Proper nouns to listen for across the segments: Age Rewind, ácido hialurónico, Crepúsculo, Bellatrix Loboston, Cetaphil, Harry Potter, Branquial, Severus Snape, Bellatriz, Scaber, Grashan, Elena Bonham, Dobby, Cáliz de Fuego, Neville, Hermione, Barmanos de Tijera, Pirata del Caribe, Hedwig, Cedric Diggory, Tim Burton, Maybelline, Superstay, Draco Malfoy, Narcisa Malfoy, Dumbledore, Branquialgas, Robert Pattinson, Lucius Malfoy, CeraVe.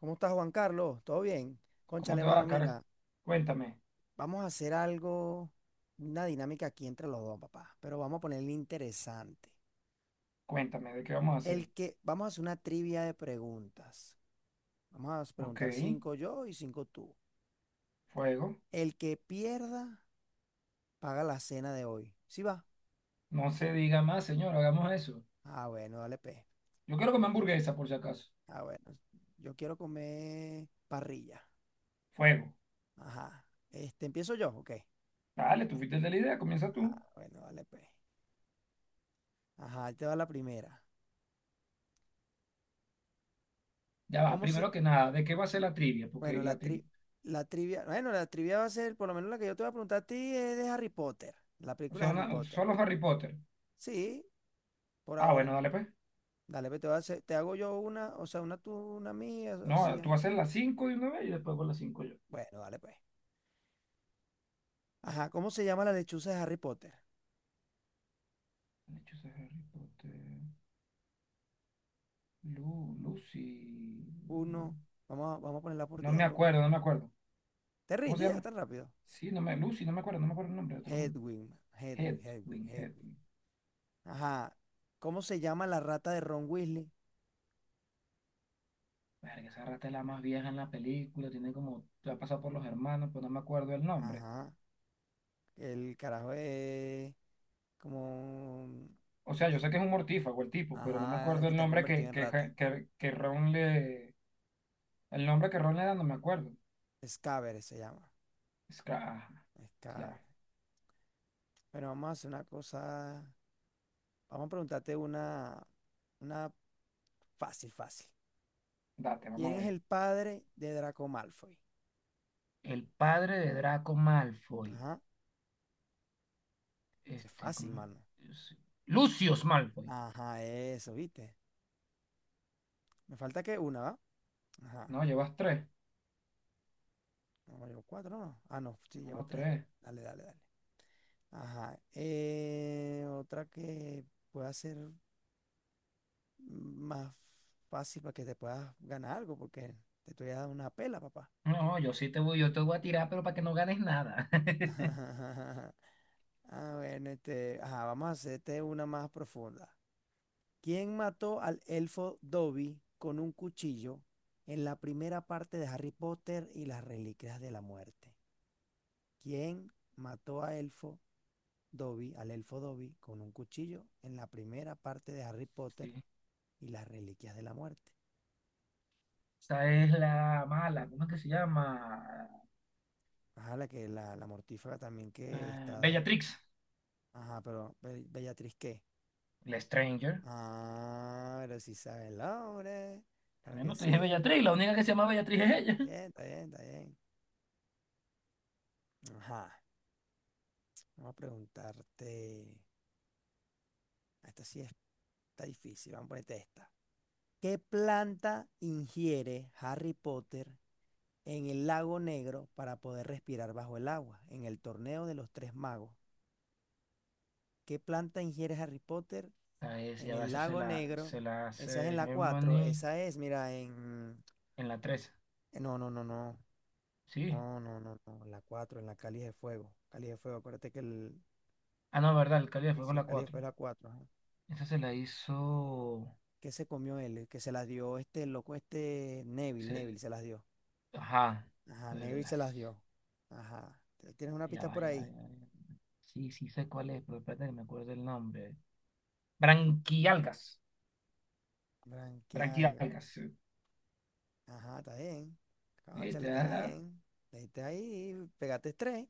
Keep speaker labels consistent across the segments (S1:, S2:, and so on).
S1: ¿Cómo estás, Juan Carlos? ¿Todo bien?
S2: ¿Cómo
S1: Cónchale,
S2: te
S1: mano,
S2: va, Car?
S1: mira,
S2: Cuéntame,
S1: vamos a hacer algo, una dinámica aquí entre los dos, papá, pero vamos a ponerle interesante.
S2: cuéntame, ¿de qué vamos a
S1: El
S2: hacer?
S1: que, vamos a hacer una trivia de preguntas. Vamos a
S2: Ok,
S1: preguntar cinco yo y cinco tú.
S2: fuego.
S1: El que pierda, paga la cena de hoy. ¿Sí va?
S2: No se diga más, señor, hagamos eso.
S1: Ah, bueno, dale, pe.
S2: Yo quiero comer hamburguesa, por si acaso.
S1: Ah, bueno, yo quiero comer parrilla.
S2: Fuego.
S1: Ajá. Este, ¿empiezo yo? Ok.
S2: Dale, tú fuiste el de la idea, comienza tú.
S1: Ah, bueno, dale, pe. Ajá, ahí te va la primera.
S2: Ya va,
S1: ¿Cómo se,
S2: primero que nada, ¿de qué va a ser la trivia?
S1: Bueno, la tri- la trivia, bueno, la trivia va a ser, por lo menos la que yo te voy a preguntar a ti es de Harry Potter, la
S2: O
S1: película
S2: sea,
S1: Harry Potter.
S2: solo Harry Potter.
S1: Sí, por
S2: Ah,
S1: ahora.
S2: bueno, dale pues.
S1: Dale, pues te voy a hacer- te hago yo una, o sea, una tú, una mía, o
S2: No,
S1: sea.
S2: tú haces las 5 de una vez y después voy a las cinco yo.
S1: Bueno, dale pues. Ajá, ¿cómo se llama la lechuza de Harry Potter?
S2: Han hecho ese Harry Potter. Lucy. Lu-
S1: Uno, vamos a ponerla por
S2: No me
S1: tiempo, porque
S2: acuerdo, no me acuerdo.
S1: te
S2: ¿Cómo se
S1: rinde ya
S2: llama?
S1: tan rápido.
S2: Sí, Lucy, no me acuerdo, no me acuerdo el nombre, te lo juro.
S1: Hedwig, man, Hedwig, Hedwig,
S2: Hedwig,
S1: Hedwig.
S2: Hedwig.
S1: Ajá, ¿cómo se llama la rata de Ron Weasley?
S2: Verga, esa rata es la más vieja en la película, tiene como, ya ha pasado por los hermanos, pero no me acuerdo el nombre.
S1: Ajá, el carajo es como.
S2: O sea, yo sé que es un mortífago el tipo, pero no me
S1: Ajá,
S2: acuerdo
S1: que
S2: el
S1: te han
S2: nombre
S1: convertido en
S2: que,
S1: rata.
S2: ja, que Ron le... El nombre que Ron le da no me acuerdo.
S1: Scaber se llama.
S2: Es que, ya,
S1: Scaber. Bueno, vamos a hacer una cosa. Vamos a preguntarte una fácil, fácil.
S2: date, vamos a
S1: ¿Quién es
S2: ver.
S1: el padre de Draco Malfoy?
S2: El padre de Draco Malfoy.
S1: Ajá, ese es
S2: Este,
S1: fácil,
S2: ¿cómo
S1: mano.
S2: es? Lucius Malfoy.
S1: Ajá, eso, ¿viste? Me falta que una, ¿va? Ajá.
S2: No, llevas tres.
S1: No, llevo cuatro, ¿no? Ah, no, sí,
S2: No,
S1: llevo
S2: no,
S1: tres.
S2: tres.
S1: Dale, dale, dale. Ajá. Otra que pueda ser más fácil para que te puedas ganar algo, porque te estoy dando una pela, papá.
S2: No, yo te voy a tirar, pero para que no ganes nada.
S1: Ah, bueno, ajá, vamos a hacerte una más profunda. ¿Quién mató al elfo Dobby con un cuchillo en la primera parte de Harry Potter y las Reliquias de la Muerte? ¿Quién mató al elfo Dobby con un cuchillo en la primera parte de Harry Potter
S2: Sí.
S1: y las Reliquias de la Muerte?
S2: Esta es la mala, ¿cómo es que se llama?
S1: Ajá, la mortífaga también que está.
S2: Bellatrix,
S1: Ajá, pero Bellatriz, ¿qué?
S2: la Stranger.
S1: Ah, pero si sabe el hombre. Claro que
S2: Bueno, te dije
S1: sí.
S2: Bellatrix, la única que se llama Bellatrix es ella.
S1: Está bien, está bien, está bien. Ajá. Vamos a preguntarte. Esta sí está difícil. Vamos a ponerte esta. ¿Qué planta ingiere Harry Potter en el lago negro para poder respirar bajo el agua? En el torneo de los tres magos. ¿Qué planta ingiere Harry Potter en
S2: Ya va,
S1: el
S2: esa se
S1: lago
S2: la,
S1: negro?
S2: se la
S1: Esa es
S2: hace
S1: en la cuatro.
S2: Hermione
S1: Esa es, mira, en.
S2: en la tres.
S1: No, no, no, no.
S2: Sí.
S1: No, no, no, no. En la cuatro, en la Cáliz de Fuego. Cáliz de Fuego. Acuérdate que el.
S2: Ah, no, verdad, el Cáliz de
S1: Sí,
S2: Fuego
S1: sí,
S2: en
S1: el
S2: la
S1: Cáliz de
S2: cuatro.
S1: Fuego es la cuatro.
S2: Esa se la hizo...
S1: ¿Qué se comió él? Que se las dio este loco, este Neville
S2: se-
S1: se las dio.
S2: Ajá.
S1: Ajá,
S2: Pero,
S1: Neville se
S2: ay,
S1: las dio. Ajá. ¿Tienes una
S2: ya
S1: pista
S2: va,
S1: por
S2: ya va,
S1: ahí?
S2: ya va. Sí, sí sé cuál es, pero espérate que me acuerdo del nombre. Branquialgas.
S1: Branquial.
S2: Branquialgas. Sí.
S1: Ajá, está bien.
S2: Ahí
S1: Cónchale, está
S2: está,
S1: bien. Le diste ahí, pegaste tres.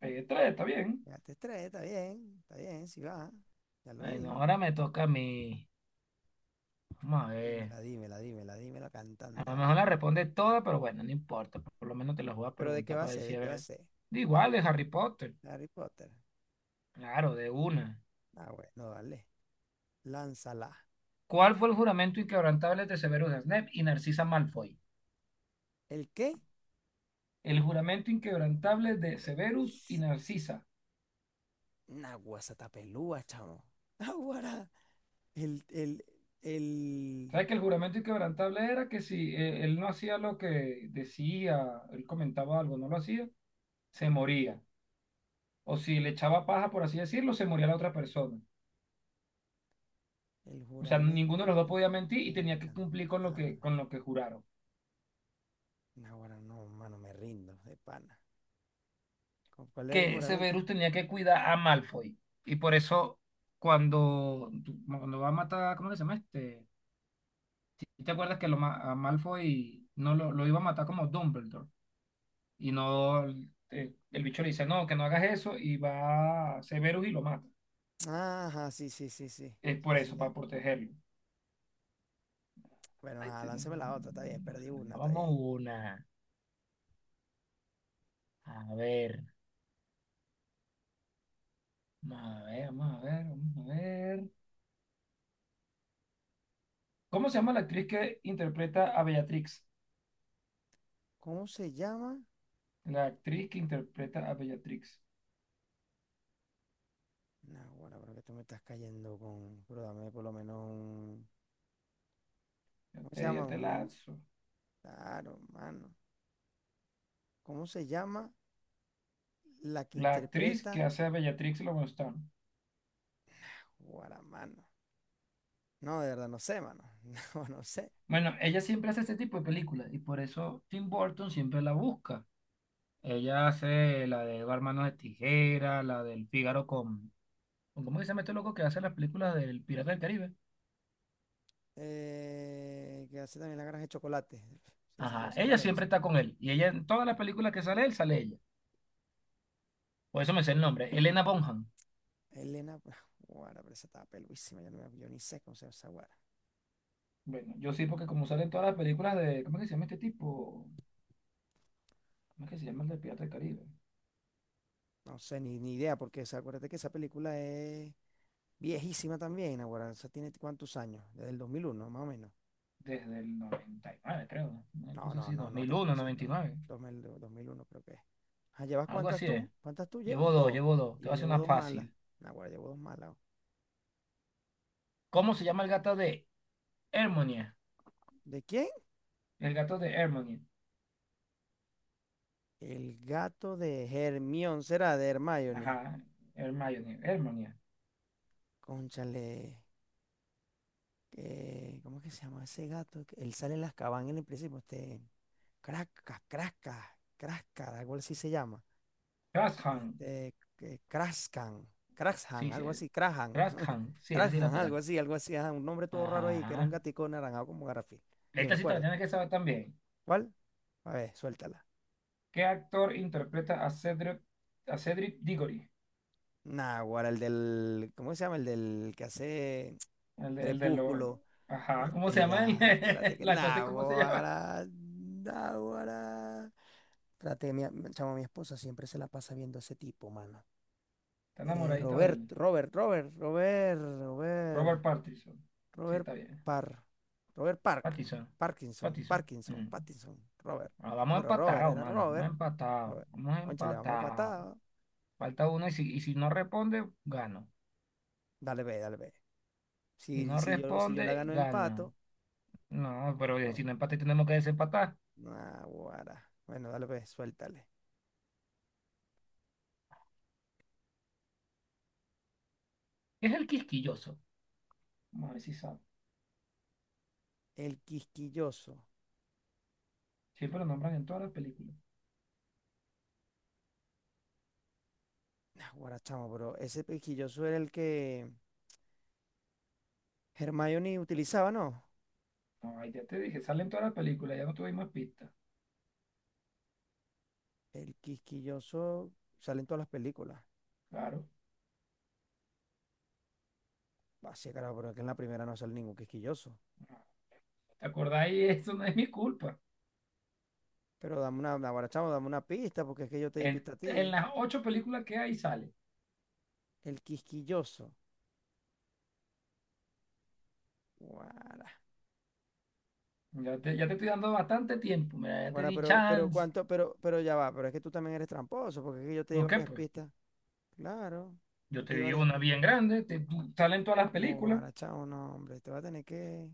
S2: pegué tres, está bien.
S1: Pegaste tres, está bien. Está bien, si va. Ya lo
S2: Ay, no,
S1: dijo.
S2: ahora me toca a mí. Vamos a ver.
S1: Dímela, dímela, dímela, dímela
S2: A
S1: cantando.
S2: lo mejor la responde toda, pero bueno, no importa. Por lo menos te las voy a
S1: ¿Pero de qué
S2: preguntar
S1: va a
S2: para
S1: ser? ¿De
S2: decir, a
S1: qué va a
S2: ver.
S1: ser?
S2: De Igual, de Harry Potter.
S1: Harry Potter.
S2: Claro, de una.
S1: Ah, bueno, dale. Lánzala.
S2: ¿Cuál fue el juramento inquebrantable de Severus Snape y Narcisa Malfoy?
S1: ¿El qué?
S2: El juramento inquebrantable de Severus y Narcisa.
S1: Naguazatapelúa, chamo. Naguará. El, el, el,
S2: ¿Sabes que el juramento inquebrantable era que si él no hacía lo que decía, él comentaba algo, no lo hacía, se moría? O si le echaba paja, por así decirlo, se moría la otra persona.
S1: el
S2: O sea, ninguno de los
S1: juramento
S2: dos podía mentir y tenía que
S1: inquebrantable.
S2: cumplir con lo que juraron.
S1: No, bueno, no, mano, me rindo de pana. ¿Con ¿Cuál era el
S2: Que
S1: juramento?
S2: Severus tenía que cuidar a Malfoy. Y por eso, cuando, cuando va a matar, ¿cómo que se llama este? ¿Y te acuerdas que a Malfoy no lo iba a matar como Dumbledore? Y no, el bicho le dice, no, que no hagas eso, y va Severus y lo mata.
S1: Ajá, sí, sí, sí, sí.
S2: Es
S1: Sí,
S2: por
S1: sí,
S2: eso,
S1: ya.
S2: para protegerlo.
S1: Bueno, ajá, lánceme la otra, está bien, perdí una, está bien.
S2: Vamos una. A ver. Vamos a ver, vamos a ver, vamos a ver. ¿Cómo se llama la actriz que interpreta a Bellatrix?
S1: ¿Cómo se llama?
S2: La actriz que interpreta a Bellatrix.
S1: No, bueno, pero que tú me estás cayendo con. Pero dame por lo menos un. ¿Cómo se llama?
S2: Yo te
S1: Un.
S2: lanzo.
S1: Claro, mano. ¿Cómo se llama la que
S2: La actriz que
S1: interpreta
S2: hace a Bellatrix Loboston.
S1: Guaramano? No, de verdad, no sé, mano. No, no sé.
S2: Bueno, ella siempre hace este tipo de películas y por eso Tim Burton siempre la busca. Ella hace la de Barmanos de Tijera, la del Fígaro ¿Cómo que se llama este loco que hace las películas del Pirata del Caribe?
S1: Que hace también la granja de chocolate. Sí, sí, sí, yo
S2: Ajá,
S1: sé
S2: ella
S1: cuál es, yo
S2: siempre
S1: sé.
S2: está con él. Y ella en todas las películas que sale él, sale ella. Por eso me sé el nombre, Elena Bonham.
S1: Elena, pues, guara, pero esa estaba peluísima, yo, no me- yo ni sé cómo se llama esa guara.
S2: Bueno, yo sí, porque como salen todas las películas ¿Cómo que se llama este tipo? ¿Cómo es que se llama el de Pirata del Caribe?
S1: No sé, ni idea, porque o acuérdate que esa película es viejísima también, ahora, esa tiene cuántos años, desde el 2001 más o menos.
S2: Desde el noventa y nueve, creo, ¿no? Una
S1: No,
S2: cosa
S1: no,
S2: así,
S1: no,
S2: dos
S1: no,
S2: mil
S1: tampoco
S2: uno
S1: sí, no,
S2: noventa y nueve
S1: 2001 creo que es. Ah, ¿llevas
S2: Algo
S1: cuántas
S2: así es.
S1: tú? ¿Cuántas tú llevas?
S2: Llevo dos,
S1: Dos.
S2: llevo dos.
S1: Y
S2: Te
S1: yo
S2: voy a hacer
S1: llevo
S2: una
S1: dos malas.
S2: fácil.
S1: Naguará, llevo dos malas.
S2: ¿Cómo se llama el gato de Hermione?
S1: ¿De quién?
S2: El gato de Hermione.
S1: El gato de Hermión, será de Hermione.
S2: Ajá, Hermione, Hermione.
S1: Cónchale. ¿Cómo es que se llama ese gato? Que él sale en las cabañas en el principio, Crascas, Crascas, Crascas, algo así se llama.
S2: Grashan.
S1: Que Crascan, Crashan,
S2: Sí, sí.
S1: algo así, Crahan,
S2: Grashan. Sí, esa sí la
S1: Crashan, algo
S2: pegaste.
S1: así, algo así, ajá, un nombre todo raro ahí, que era un
S2: Ajá.
S1: gatico naranjado como Garafil. Yo me
S2: Esta sí te la
S1: acuerdo.
S2: tienes que saber también.
S1: ¿Cuál? A ver, suéltala.
S2: ¿Qué actor interpreta a Cedric Diggory?
S1: Naguará, el del, ¿cómo se llama? El del que hace Crepúsculo.
S2: Ajá, ¿cómo se llama?
S1: Ya, espérate que.
S2: La cosa, es, ¿cómo se llama?
S1: Naguará, Naguará. Traté, mi, chamo, mi esposa siempre se la pasa viendo a ese tipo, mano.
S2: Está enamoradito de
S1: Robert,
S2: él.
S1: Robert, Robert, Robert, Robert,
S2: Robert Pattinson. Sí,
S1: Robert
S2: está bien.
S1: Parr, Robert Park,
S2: Pattinson.
S1: Parkinson,
S2: Pattinson.
S1: Parkinson,
S2: Mm.
S1: Pattinson, Robert.
S2: Ah,
S1: Ah,
S2: vamos
S1: pero Robert,
S2: empatados,
S1: era
S2: mano. Vamos
S1: Robert,
S2: empatados.
S1: Robert,
S2: Vamos
S1: le vamos a
S2: empatados.
S1: empatar.
S2: Falta uno y si no responde, gano.
S1: Dale, ve, dale, ve.
S2: Si
S1: Si,
S2: no
S1: si yo, si yo la
S2: responde,
S1: gano empato,
S2: gano. No, pero bien,
S1: no,
S2: si no empate tenemos que desempatar.
S1: nah, guara. Bueno, dale, ve, suéltale.
S2: Es el quisquilloso. Vamos a ver si sabe.
S1: El quisquilloso.
S2: Siempre lo nombran en todas las películas.
S1: Nah, guara, chamo, pero ese quisquilloso era el que Hermione utilizaba, ¿no?
S2: No, ay, ya te dije, sale en todas las películas, ya no tuvimos pistas.
S1: El quisquilloso sale en todas las películas.
S2: Claro.
S1: Así, claro, pero es que en la primera no sale ningún quisquilloso.
S2: Ah, ¿te acordáis? Eso no es mi culpa.
S1: Pero dame una, ahora chamo, dame una pista, porque es que yo te di
S2: En,
S1: pista a
S2: en
S1: ti.
S2: las ocho películas que hay sale.
S1: El quisquilloso. Guara.
S2: Ya te estoy dando bastante tiempo, mira, ya te
S1: Guara,
S2: di
S1: pero
S2: chance.
S1: cuánto, pero ya va, pero es que tú también eres tramposo, porque es que yo te di
S2: ¿Por qué?
S1: varias
S2: Pues
S1: pistas. Claro,
S2: yo
S1: yo
S2: te
S1: te di
S2: di
S1: varias
S2: una
S1: pistas.
S2: bien grande, salen todas las
S1: No,
S2: películas,
S1: guara, chamo, no, hombre,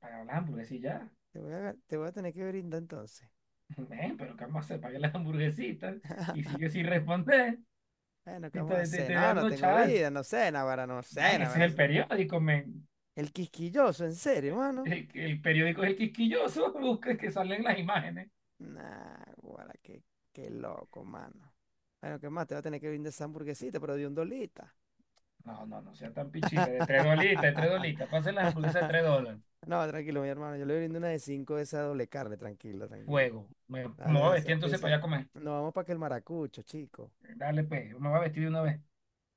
S2: paga las hamburguesitas ya.
S1: te voy a tener que brindar entonces.
S2: Ven, pero ¿qué vamos a hacer? Paga las hamburguesitas y sigue sin responder
S1: Bueno, ¿qué
S2: y
S1: vamos a
S2: te, te,
S1: hacer?
S2: te
S1: No, no
S2: dando
S1: tengo
S2: chance.
S1: vida, no sé, naguará, no sé,
S2: Man, ese es
S1: naguará.
S2: el periódico, men.
S1: El quisquilloso, en serio, mano.
S2: El periódico es el quisquilloso, busca que salen las imágenes.
S1: Nah, guara, qué loco, mano. Bueno, ¿qué más? Te va a tener que brindar esa hamburguesita, pero de un dolita.
S2: No, no, no sea tan pichirre, de tres dolitas, pasen las hamburguesas de $3.
S1: No, tranquilo, mi hermano. Yo le brindo una de cinco de esa doble carne, tranquilo, tranquilo.
S2: Fuego, me
S1: Dale
S2: voy a
S1: de esa,
S2: vestir
S1: de
S2: entonces para
S1: esa.
S2: allá a comer.
S1: Nos vamos para que el maracucho, chico.
S2: Dale, pues, yo me voy a vestir de una vez.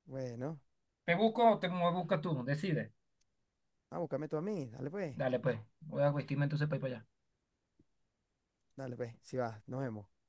S1: Bueno,
S2: ¿Te busco o me buscas tú? Decide.
S1: búscame tú a mí. Dale pues,
S2: Dale, pues. Voy a vestirme entonces para ir para allá.
S1: dale pues. Si vas, nos vemos.